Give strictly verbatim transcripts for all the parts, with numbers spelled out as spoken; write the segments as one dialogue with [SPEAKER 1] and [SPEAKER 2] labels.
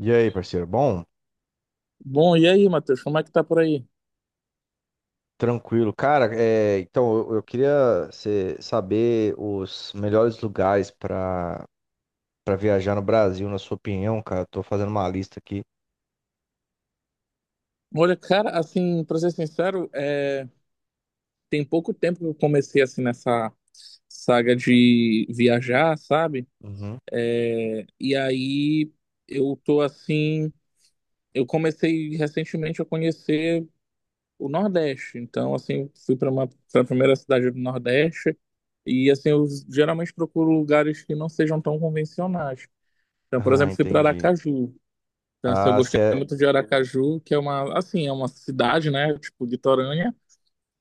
[SPEAKER 1] E aí, parceiro? Bom,
[SPEAKER 2] Bom, e aí, Matheus, como é que tá por aí?
[SPEAKER 1] tranquilo. Cara, é, então eu, eu queria cê- saber os melhores lugares para para viajar no Brasil, na sua opinião, cara. Tô fazendo uma lista aqui.
[SPEAKER 2] Olha, cara, assim, pra ser sincero, é, tem pouco tempo que eu comecei, assim, nessa saga de viajar, sabe?
[SPEAKER 1] Uhum.
[SPEAKER 2] É, E aí eu tô, assim, eu comecei recentemente a conhecer o Nordeste. Então, assim, fui pra uma, pra primeira cidade do Nordeste e, assim, eu geralmente procuro lugares que não sejam tão convencionais. Então, por
[SPEAKER 1] Ah,
[SPEAKER 2] exemplo, fui pra
[SPEAKER 1] entendi.
[SPEAKER 2] Aracaju. Então, assim, eu
[SPEAKER 1] Ah, cê
[SPEAKER 2] gostei
[SPEAKER 1] é...
[SPEAKER 2] muito de Aracaju, que é uma, assim, é uma cidade, né, tipo, litorânea,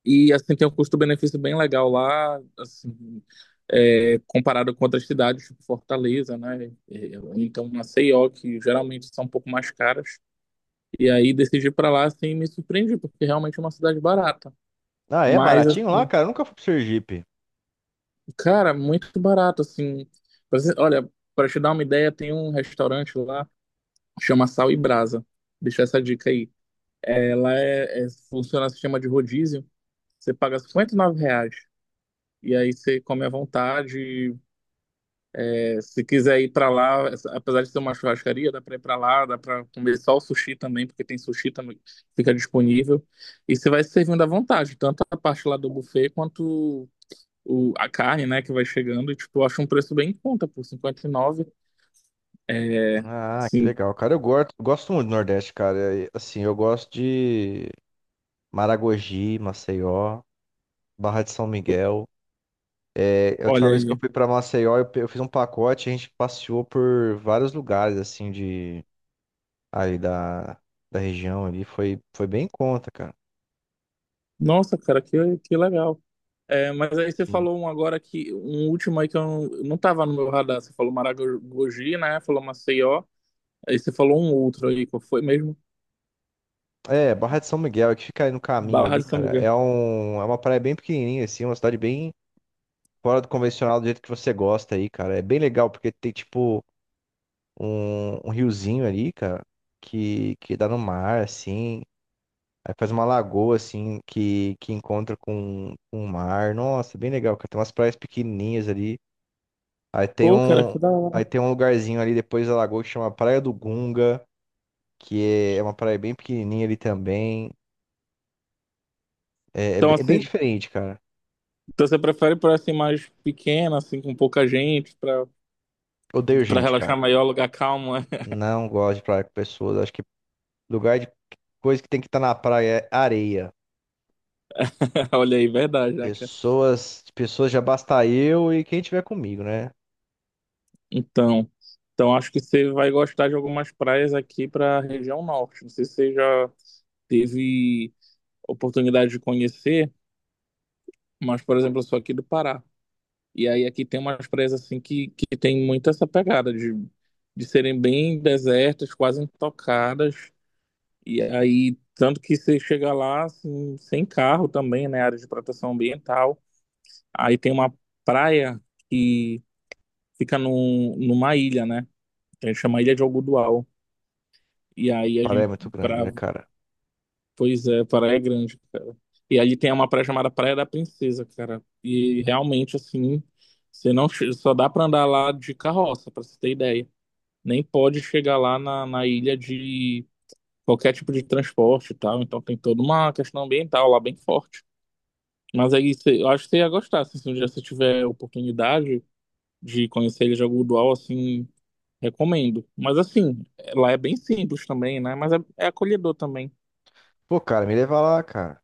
[SPEAKER 2] e, assim, tem um custo-benefício bem legal lá, assim, é, comparado com outras cidades, tipo Fortaleza, né, é, ou então Maceió, que geralmente são um pouco mais caras, e aí decidi ir pra lá, assim, e me surpreendi, porque realmente é uma cidade barata.
[SPEAKER 1] Ah, é
[SPEAKER 2] Mas,
[SPEAKER 1] baratinho lá,
[SPEAKER 2] assim,
[SPEAKER 1] cara? Eu nunca fui pro Sergipe.
[SPEAKER 2] cara, muito barato, assim. Pra você- olha, para te dar uma ideia, tem um restaurante lá, chama Sal e Brasa, deixa essa dica aí. Ela é, é, funciona no sistema de rodízio. Você paga R cinquenta e nove reais. E aí você come à vontade. É, se quiser ir para lá, apesar de ser uma churrascaria, dá para ir para lá, dá para comer só o sushi também, porque tem sushi também, fica disponível. E você vai se servindo à vontade, tanto a parte lá do buffet quanto o, a carne, né, que vai chegando. E, tipo, eu acho um preço bem em conta, por cinquenta e nove. É,
[SPEAKER 1] Ah, que
[SPEAKER 2] assim,
[SPEAKER 1] legal, cara. Eu gosto, gosto muito do Nordeste, cara. E, assim, eu gosto de Maragogi, Maceió, Barra de São Miguel. A última
[SPEAKER 2] olha
[SPEAKER 1] vez que eu
[SPEAKER 2] aí.
[SPEAKER 1] fui pra Maceió, eu, pe- eu fiz um pacote, a gente passeou por vários lugares, assim, de ali da, da região ali, foi, foi bem em conta, cara.
[SPEAKER 2] Nossa, cara, que, que legal. É, mas aí você
[SPEAKER 1] Sim.
[SPEAKER 2] falou um agora que um último aí que eu não, não tava no meu radar. Você falou Maragogi, né? Falou Maceió. Aí você falou um outro aí, qual foi mesmo?
[SPEAKER 1] É, Barra de São Miguel, que fica aí no caminho
[SPEAKER 2] Barra
[SPEAKER 1] ali,
[SPEAKER 2] de São
[SPEAKER 1] cara.
[SPEAKER 2] Miguel.
[SPEAKER 1] É, um, é uma praia bem pequenininha, assim, uma cidade bem fora do convencional, do jeito que você gosta aí, cara. É bem legal, porque tem, tipo, um, um riozinho ali, cara, que, que dá no mar, assim. Aí faz uma lagoa, assim, que, que encontra com, com o mar. Nossa, bem legal, cara. Tem umas praias pequenininhas ali. Aí tem
[SPEAKER 2] Pô, cara,
[SPEAKER 1] um,
[SPEAKER 2] que da
[SPEAKER 1] Aí
[SPEAKER 2] hora.
[SPEAKER 1] tem um lugarzinho ali depois da lagoa que chama Praia do Gunga, que é, é uma praia bem pequenininha ali também. É, é,
[SPEAKER 2] Então,
[SPEAKER 1] be- é bem
[SPEAKER 2] assim,
[SPEAKER 1] diferente, cara.
[SPEAKER 2] então você prefere por assim mais pequena, assim, com pouca gente, pra,
[SPEAKER 1] Odeio
[SPEAKER 2] pra
[SPEAKER 1] gente, cara.
[SPEAKER 2] relaxar maior, lugar calmo, né?
[SPEAKER 1] Não gosto de praia com pessoas. Acho que lugar de coisa que tem que estar na praia é areia.
[SPEAKER 2] Olha aí, verdade, né, cara?
[SPEAKER 1] Pessoas, pessoas já basta eu e quem tiver comigo, né?
[SPEAKER 2] Então, então acho que você vai gostar de algumas praias aqui pra região norte. Não sei se você já teve oportunidade de conhecer, mas, por exemplo, eu sou aqui do Pará. E aí aqui tem umas praias assim que, que tem muito essa pegada de, de serem bem desertas, quase intocadas. E aí, tanto que você chega lá assim, sem carro também, né? Área de proteção ambiental. Aí tem uma praia que fica num, numa ilha, né? A gente chama Ilha de Algodoal. E aí a
[SPEAKER 1] Praia é
[SPEAKER 2] gente,
[SPEAKER 1] muito grande,
[SPEAKER 2] para
[SPEAKER 1] né, cara?
[SPEAKER 2] Pois é, Praia Grande, cara. E ali tem uma praia chamada Praia da Princesa, cara. E realmente, assim, você não che- só dá pra andar lá de carroça, pra você ter ideia. Nem pode chegar lá na, na ilha de qualquer tipo de transporte e tal. Então tem toda uma questão ambiental lá bem forte. Mas aí você, eu acho que você ia gostar, assim, se um dia você tiver oportunidade de conhecer a Ilha de Algodoal, assim, recomendo. Mas assim, lá é bem simples também, né? Mas é, é acolhedor também.
[SPEAKER 1] Pô, cara, me leva lá, cara.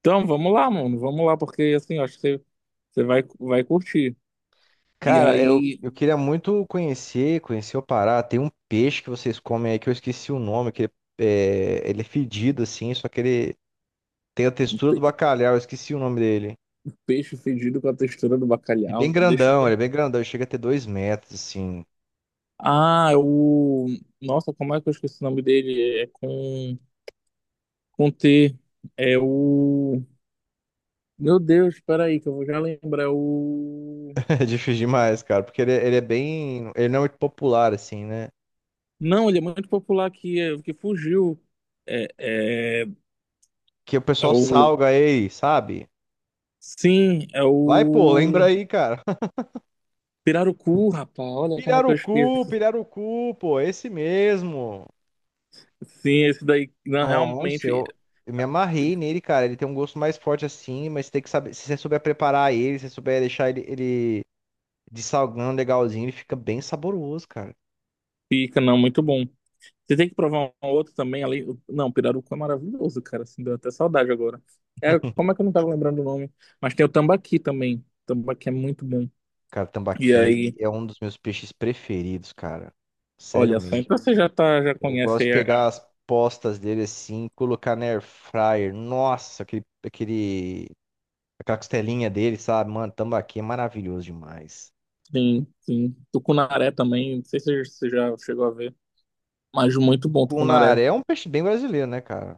[SPEAKER 2] Então, vamos lá, mano. Vamos lá, porque assim, eu acho que você, você vai, vai curtir. E
[SPEAKER 1] Cara, eu,
[SPEAKER 2] aí,
[SPEAKER 1] eu queria muito conhecer, conhecer o Pará. Tem um peixe que vocês comem aí que eu esqueci o nome, que ele é, ele é fedido assim, só que ele tem a textura do
[SPEAKER 2] pe-
[SPEAKER 1] bacalhau, eu esqueci o nome dele.
[SPEAKER 2] peixe fedido com a textura do
[SPEAKER 1] Ele é
[SPEAKER 2] bacalhau.
[SPEAKER 1] bem
[SPEAKER 2] Deixa eu
[SPEAKER 1] grandão, ele é
[SPEAKER 2] ver.
[SPEAKER 1] bem grandão, ele chega a ter dois metros, assim.
[SPEAKER 2] Ah, o. Nossa, como é que eu esqueci o nome dele? É com, com T. É o. Meu Deus, espera aí, que eu vou já lembrar. É o.
[SPEAKER 1] É difícil demais, cara, porque ele, é- ele é bem. Ele não é muito popular, assim, né?
[SPEAKER 2] Não, ele é muito popular aqui, é, que fugiu. É, é,
[SPEAKER 1] Que o
[SPEAKER 2] é
[SPEAKER 1] pessoal
[SPEAKER 2] o.
[SPEAKER 1] salga ele, sabe?
[SPEAKER 2] Sim, é
[SPEAKER 1] Vai, pô, lembra
[SPEAKER 2] o.
[SPEAKER 1] aí, cara.
[SPEAKER 2] Pirarucu, rapaz. Olha como é que eu
[SPEAKER 1] Pirarucu,
[SPEAKER 2] esqueci.
[SPEAKER 1] pirarucu, pô, esse mesmo.
[SPEAKER 2] Sim, esse daí não,
[SPEAKER 1] Nossa,
[SPEAKER 2] realmente
[SPEAKER 1] eu, eu me amarrei nele, cara. Ele tem um gosto mais forte assim, mas tem que saber. Se você souber preparar ele, se você souber deixar ele, ele dessalgando legalzinho, ele fica bem saboroso, cara.
[SPEAKER 2] fica, não, muito bom. Você tem que provar um outro também ali. Não, pirarucu é maravilhoso, cara. Assim, deu até saudade agora. É, como é que eu não tava lembrando o nome? Mas tem o tambaqui também. O tambaqui é muito bom.
[SPEAKER 1] Cara,
[SPEAKER 2] E
[SPEAKER 1] tambaqui
[SPEAKER 2] aí,
[SPEAKER 1] é um dos meus peixes preferidos, cara. Sério
[SPEAKER 2] olha só,
[SPEAKER 1] mesmo.
[SPEAKER 2] então você já tá, já
[SPEAKER 1] Eu
[SPEAKER 2] conhece
[SPEAKER 1] gosto de
[SPEAKER 2] aí a,
[SPEAKER 1] pegar
[SPEAKER 2] a-
[SPEAKER 1] as postas dele assim, colocar na air fryer. Nossa, aquele, aquele, aquela costelinha dele, sabe? Mano, tambaqui é maravilhoso demais.
[SPEAKER 2] sim, sim. Tucunaré também. Não sei se você já chegou a ver, mas muito bom Tucunaré.
[SPEAKER 1] Cunaré é um peixe bem brasileiro, né, cara?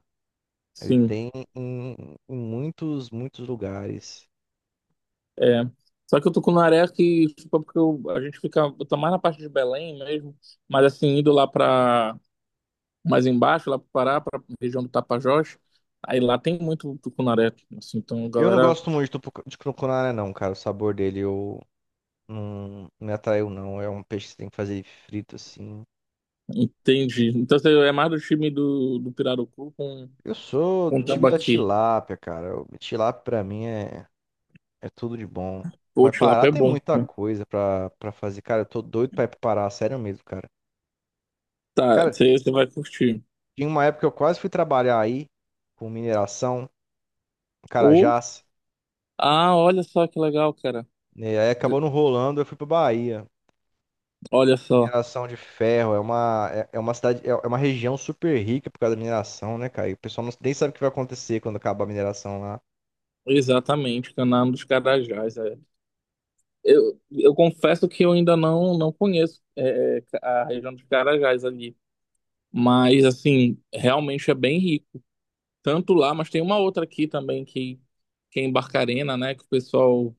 [SPEAKER 1] Ele
[SPEAKER 2] Sim,
[SPEAKER 1] tem em, em muitos, muitos lugares.
[SPEAKER 2] é. Só que o Tucunaré é que, tipo, é porque eu- a gente fica, eu tô mais na parte de Belém mesmo, mas assim, indo lá pra mais embaixo, lá para Pará, para região do Tapajós. Aí lá tem muito tucunaré, assim, então a
[SPEAKER 1] Eu não
[SPEAKER 2] galera
[SPEAKER 1] gosto muito do tucu- de tucunaré, não, cara. O sabor dele eu não não me atraiu, não. É um peixe que você tem que fazer frito, assim.
[SPEAKER 2] entende. Então você é mais do time do, do Pirarucu com,
[SPEAKER 1] Eu sou do
[SPEAKER 2] com
[SPEAKER 1] time da
[SPEAKER 2] tambaqui.
[SPEAKER 1] tilápia, cara. O tilápia pra mim é, é tudo de bom.
[SPEAKER 2] Ou
[SPEAKER 1] Mas Pará
[SPEAKER 2] tilápia é
[SPEAKER 1] tem
[SPEAKER 2] bom,
[SPEAKER 1] muita
[SPEAKER 2] né?
[SPEAKER 1] coisa pra, pra fazer. Cara, eu tô doido pra ir pro Pará, sério mesmo, cara.
[SPEAKER 2] Tá,
[SPEAKER 1] Cara,
[SPEAKER 2] você você vai curtir.
[SPEAKER 1] tinha uma época que eu quase fui trabalhar aí, com mineração, em
[SPEAKER 2] Ou,
[SPEAKER 1] Carajás.
[SPEAKER 2] ah, olha só que legal, cara.
[SPEAKER 1] Né? Aí acabou não rolando, eu fui pra Bahia.
[SPEAKER 2] Olha só,
[SPEAKER 1] Mineração de ferro é uma, é, é uma cidade, é é uma região super rica por causa da mineração, né, cara? E o pessoal não- nem sabe o que vai acontecer quando acabar a mineração lá.
[SPEAKER 2] exatamente, Canal dos Carajás, é. Eu, eu confesso que eu ainda não, não conheço é, é, a região dos Carajás ali, mas assim, realmente é bem rico. Tanto lá, mas tem uma outra aqui também que, que é em Barcarena, né? Que o pessoal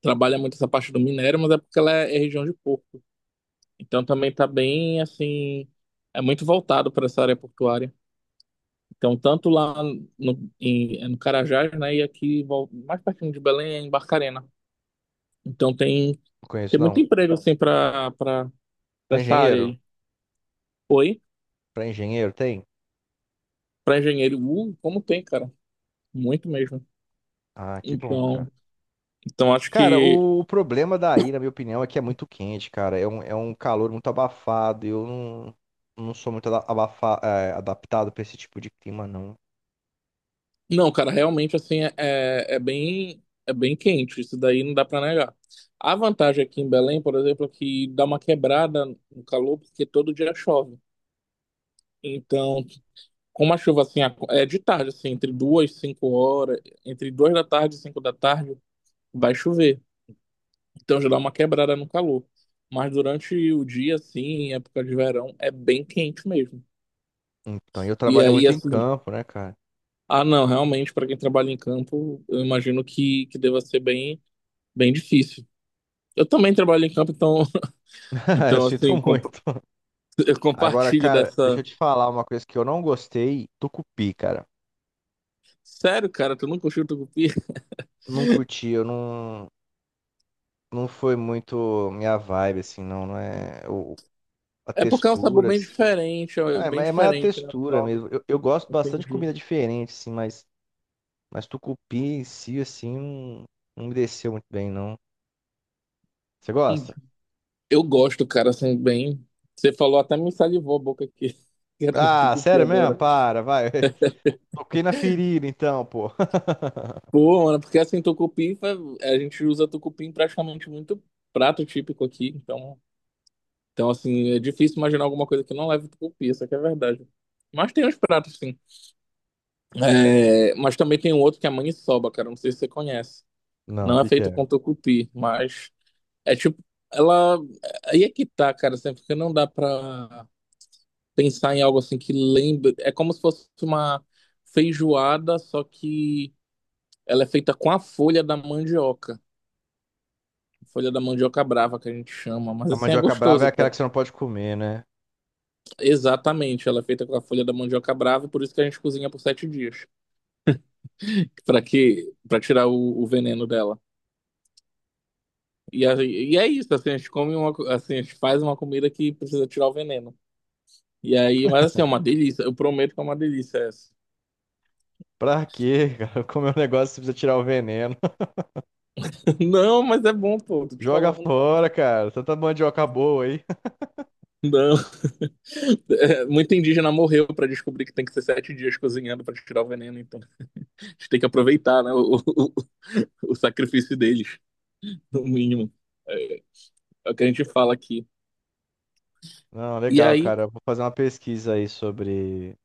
[SPEAKER 2] trabalha muito essa parte do minério, mas é porque ela é, é região de porto. Então também tá bem assim, é muito voltado para essa área portuária. Então tanto lá no, em, é no Carajás, né? E aqui vol- mais pertinho de Belém é em Barcarena. Então tem
[SPEAKER 1] Não conheço,
[SPEAKER 2] tem muito
[SPEAKER 1] não.
[SPEAKER 2] emprego assim para para
[SPEAKER 1] Pra
[SPEAKER 2] essa área
[SPEAKER 1] engenheiro?
[SPEAKER 2] aí. Oi,
[SPEAKER 1] Pra engenheiro tem?
[SPEAKER 2] para engenheiro, uh, como tem, cara? Muito mesmo.
[SPEAKER 1] Ah, que bom, cara.
[SPEAKER 2] Então, então acho
[SPEAKER 1] Cara,
[SPEAKER 2] que
[SPEAKER 1] o, o problema daí, na minha opinião, é que é muito quente, cara. É um, é um calor muito abafado. E Eu não, Não sou muito ada- abafa, é, adaptado pra esse tipo de clima, não.
[SPEAKER 2] não, cara, realmente assim é, é é bem é bem quente, isso daí não dá pra negar. A vantagem aqui em Belém, por exemplo, é que dá uma quebrada no calor porque todo dia chove. Então, como a chuva assim ac- é de tarde, assim, entre duas e cinco horas, entre duas da tarde e cinco da tarde, vai chover. Então já dá uma quebrada no calor. Mas durante o dia, assim, em época de verão, é bem quente mesmo.
[SPEAKER 1] Então, e eu
[SPEAKER 2] E
[SPEAKER 1] trabalho
[SPEAKER 2] aí,
[SPEAKER 1] muito em
[SPEAKER 2] assim,
[SPEAKER 1] campo, né, cara?
[SPEAKER 2] ah, não, realmente, para quem trabalha em campo, eu imagino que, que deva ser bem, bem difícil. Eu também trabalho em campo, então,
[SPEAKER 1] Eu
[SPEAKER 2] então
[SPEAKER 1] sinto
[SPEAKER 2] assim, comp-
[SPEAKER 1] muito.
[SPEAKER 2] eu
[SPEAKER 1] Agora,
[SPEAKER 2] compartilho
[SPEAKER 1] cara, deixa eu
[SPEAKER 2] dessa.
[SPEAKER 1] te falar uma coisa que eu não gostei. Tucupi, cara.
[SPEAKER 2] Sério, cara, tu nunca curtiu tucupi?
[SPEAKER 1] Não curti, eu não, não foi muito minha vibe, assim, não, não é o, a
[SPEAKER 2] É porque é um sabor
[SPEAKER 1] textura,
[SPEAKER 2] bem
[SPEAKER 1] assim.
[SPEAKER 2] diferente,
[SPEAKER 1] Ah,
[SPEAKER 2] é
[SPEAKER 1] é,
[SPEAKER 2] bem
[SPEAKER 1] mais é mais a
[SPEAKER 2] diferente, né, o
[SPEAKER 1] textura
[SPEAKER 2] caldo.
[SPEAKER 1] mesmo. Eu, eu gosto bastante de
[SPEAKER 2] Entendi.
[SPEAKER 1] comida diferente, assim, mas, mas tucupi em si, assim, não, não me desceu muito bem, não. Você
[SPEAKER 2] Hum.
[SPEAKER 1] gosta?
[SPEAKER 2] Eu gosto, cara, assim, bem. Você falou até me salivou a boca aqui. Quero no
[SPEAKER 1] Ah,
[SPEAKER 2] tucupi
[SPEAKER 1] sério mesmo?
[SPEAKER 2] agora.
[SPEAKER 1] Para, vai. Toquei na ferida, então, pô.
[SPEAKER 2] Pô, mano, porque assim, tucupi, fa- a gente usa tucupi em praticamente muito prato típico aqui, então, então assim, é difícil imaginar alguma coisa que não leve tucupi, isso aqui é verdade. Mas tem uns pratos, sim. É, mas também tem um outro que é a maniçoba, cara. Não sei se você conhece.
[SPEAKER 1] Não, o
[SPEAKER 2] Não é
[SPEAKER 1] que que
[SPEAKER 2] feito
[SPEAKER 1] é?
[SPEAKER 2] com tucupi, mas é tipo. Ela. Aí é que tá, cara. Sempre que não dá pra pensar em algo assim que lembre. É como se fosse uma feijoada, só que ela é feita com a folha da mandioca. Folha da mandioca brava que a gente chama. Mas
[SPEAKER 1] A
[SPEAKER 2] assim é
[SPEAKER 1] mandioca brava é
[SPEAKER 2] gostoso,
[SPEAKER 1] aquela
[SPEAKER 2] cara.
[SPEAKER 1] que você não pode comer, né?
[SPEAKER 2] Exatamente. Ela é feita com a folha da mandioca brava, por isso que a gente cozinha por sete dias. Pra que... para tirar o o veneno dela. E, a- e é isso, assim, a gente come uma, co- assim, a gente faz uma comida que precisa tirar o veneno. E aí, mas assim, é uma delícia. Eu prometo que é uma delícia essa.
[SPEAKER 1] Pra quê, cara? Comer um negócio que você precisa tirar o veneno.
[SPEAKER 2] Não, mas é bom, pô, tô te
[SPEAKER 1] Joga
[SPEAKER 2] falando.
[SPEAKER 1] fora, cara. Tanta mandioca boa aí.
[SPEAKER 2] Não. É, muito indígena morreu pra descobrir que tem que ser sete dias cozinhando pra tirar o veneno, então a gente tem que aproveitar, né, o, o, o sacrifício deles, no mínimo. É, é o que a gente fala aqui.
[SPEAKER 1] Não,
[SPEAKER 2] E
[SPEAKER 1] legal,
[SPEAKER 2] aí.
[SPEAKER 1] cara. Eu vou fazer uma pesquisa aí sobre,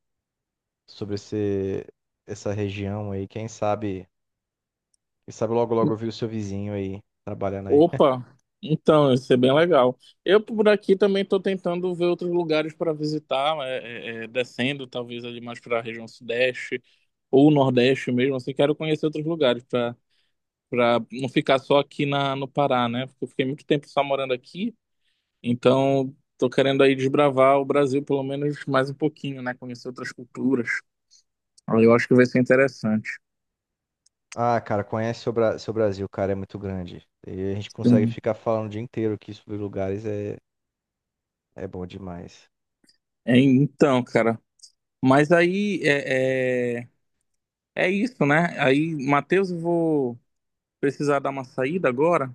[SPEAKER 1] sobre esse, essa região aí. Quem sabe, quem sabe logo logo eu vi o seu vizinho aí trabalhando aí.
[SPEAKER 2] Opa, então, isso é bem legal. Eu por aqui também estou tentando ver outros lugares para visitar, é, é, é, descendo talvez ali mais para a região sudeste ou nordeste mesmo, assim, quero conhecer outros lugares para para não ficar só aqui na, no Pará, né? Porque eu fiquei muito tempo só morando aqui, então estou querendo aí desbravar o Brasil pelo menos mais um pouquinho, né? Conhecer outras culturas. Aí eu acho que vai ser interessante.
[SPEAKER 1] Ah, cara, conhece o Bra- seu Brasil, cara, é muito grande. E a gente consegue
[SPEAKER 2] Sim.
[SPEAKER 1] ficar falando o dia inteiro aqui sobre lugares, é, é bom demais.
[SPEAKER 2] É, então, cara, mas aí é... é, é isso, né? Aí, Matheus, eu vou precisar dar uma saída agora,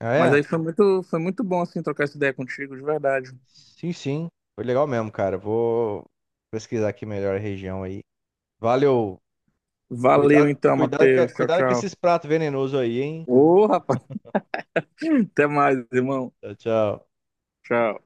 [SPEAKER 1] Ah,
[SPEAKER 2] mas aí
[SPEAKER 1] é?
[SPEAKER 2] foi muito, foi muito bom assim trocar essa ideia contigo, de verdade.
[SPEAKER 1] Sim, sim. Foi legal mesmo, cara. Vou pesquisar aqui melhor a região aí. Valeu.
[SPEAKER 2] Valeu
[SPEAKER 1] Cuidado,
[SPEAKER 2] então,
[SPEAKER 1] cuidado, com-
[SPEAKER 2] Matheus. Tchau,
[SPEAKER 1] cuidado com
[SPEAKER 2] tchau.
[SPEAKER 1] esses pratos venenosos aí, hein?
[SPEAKER 2] Ô, rapaz, até mais, irmão.
[SPEAKER 1] Tchau, tchau.
[SPEAKER 2] Tchau.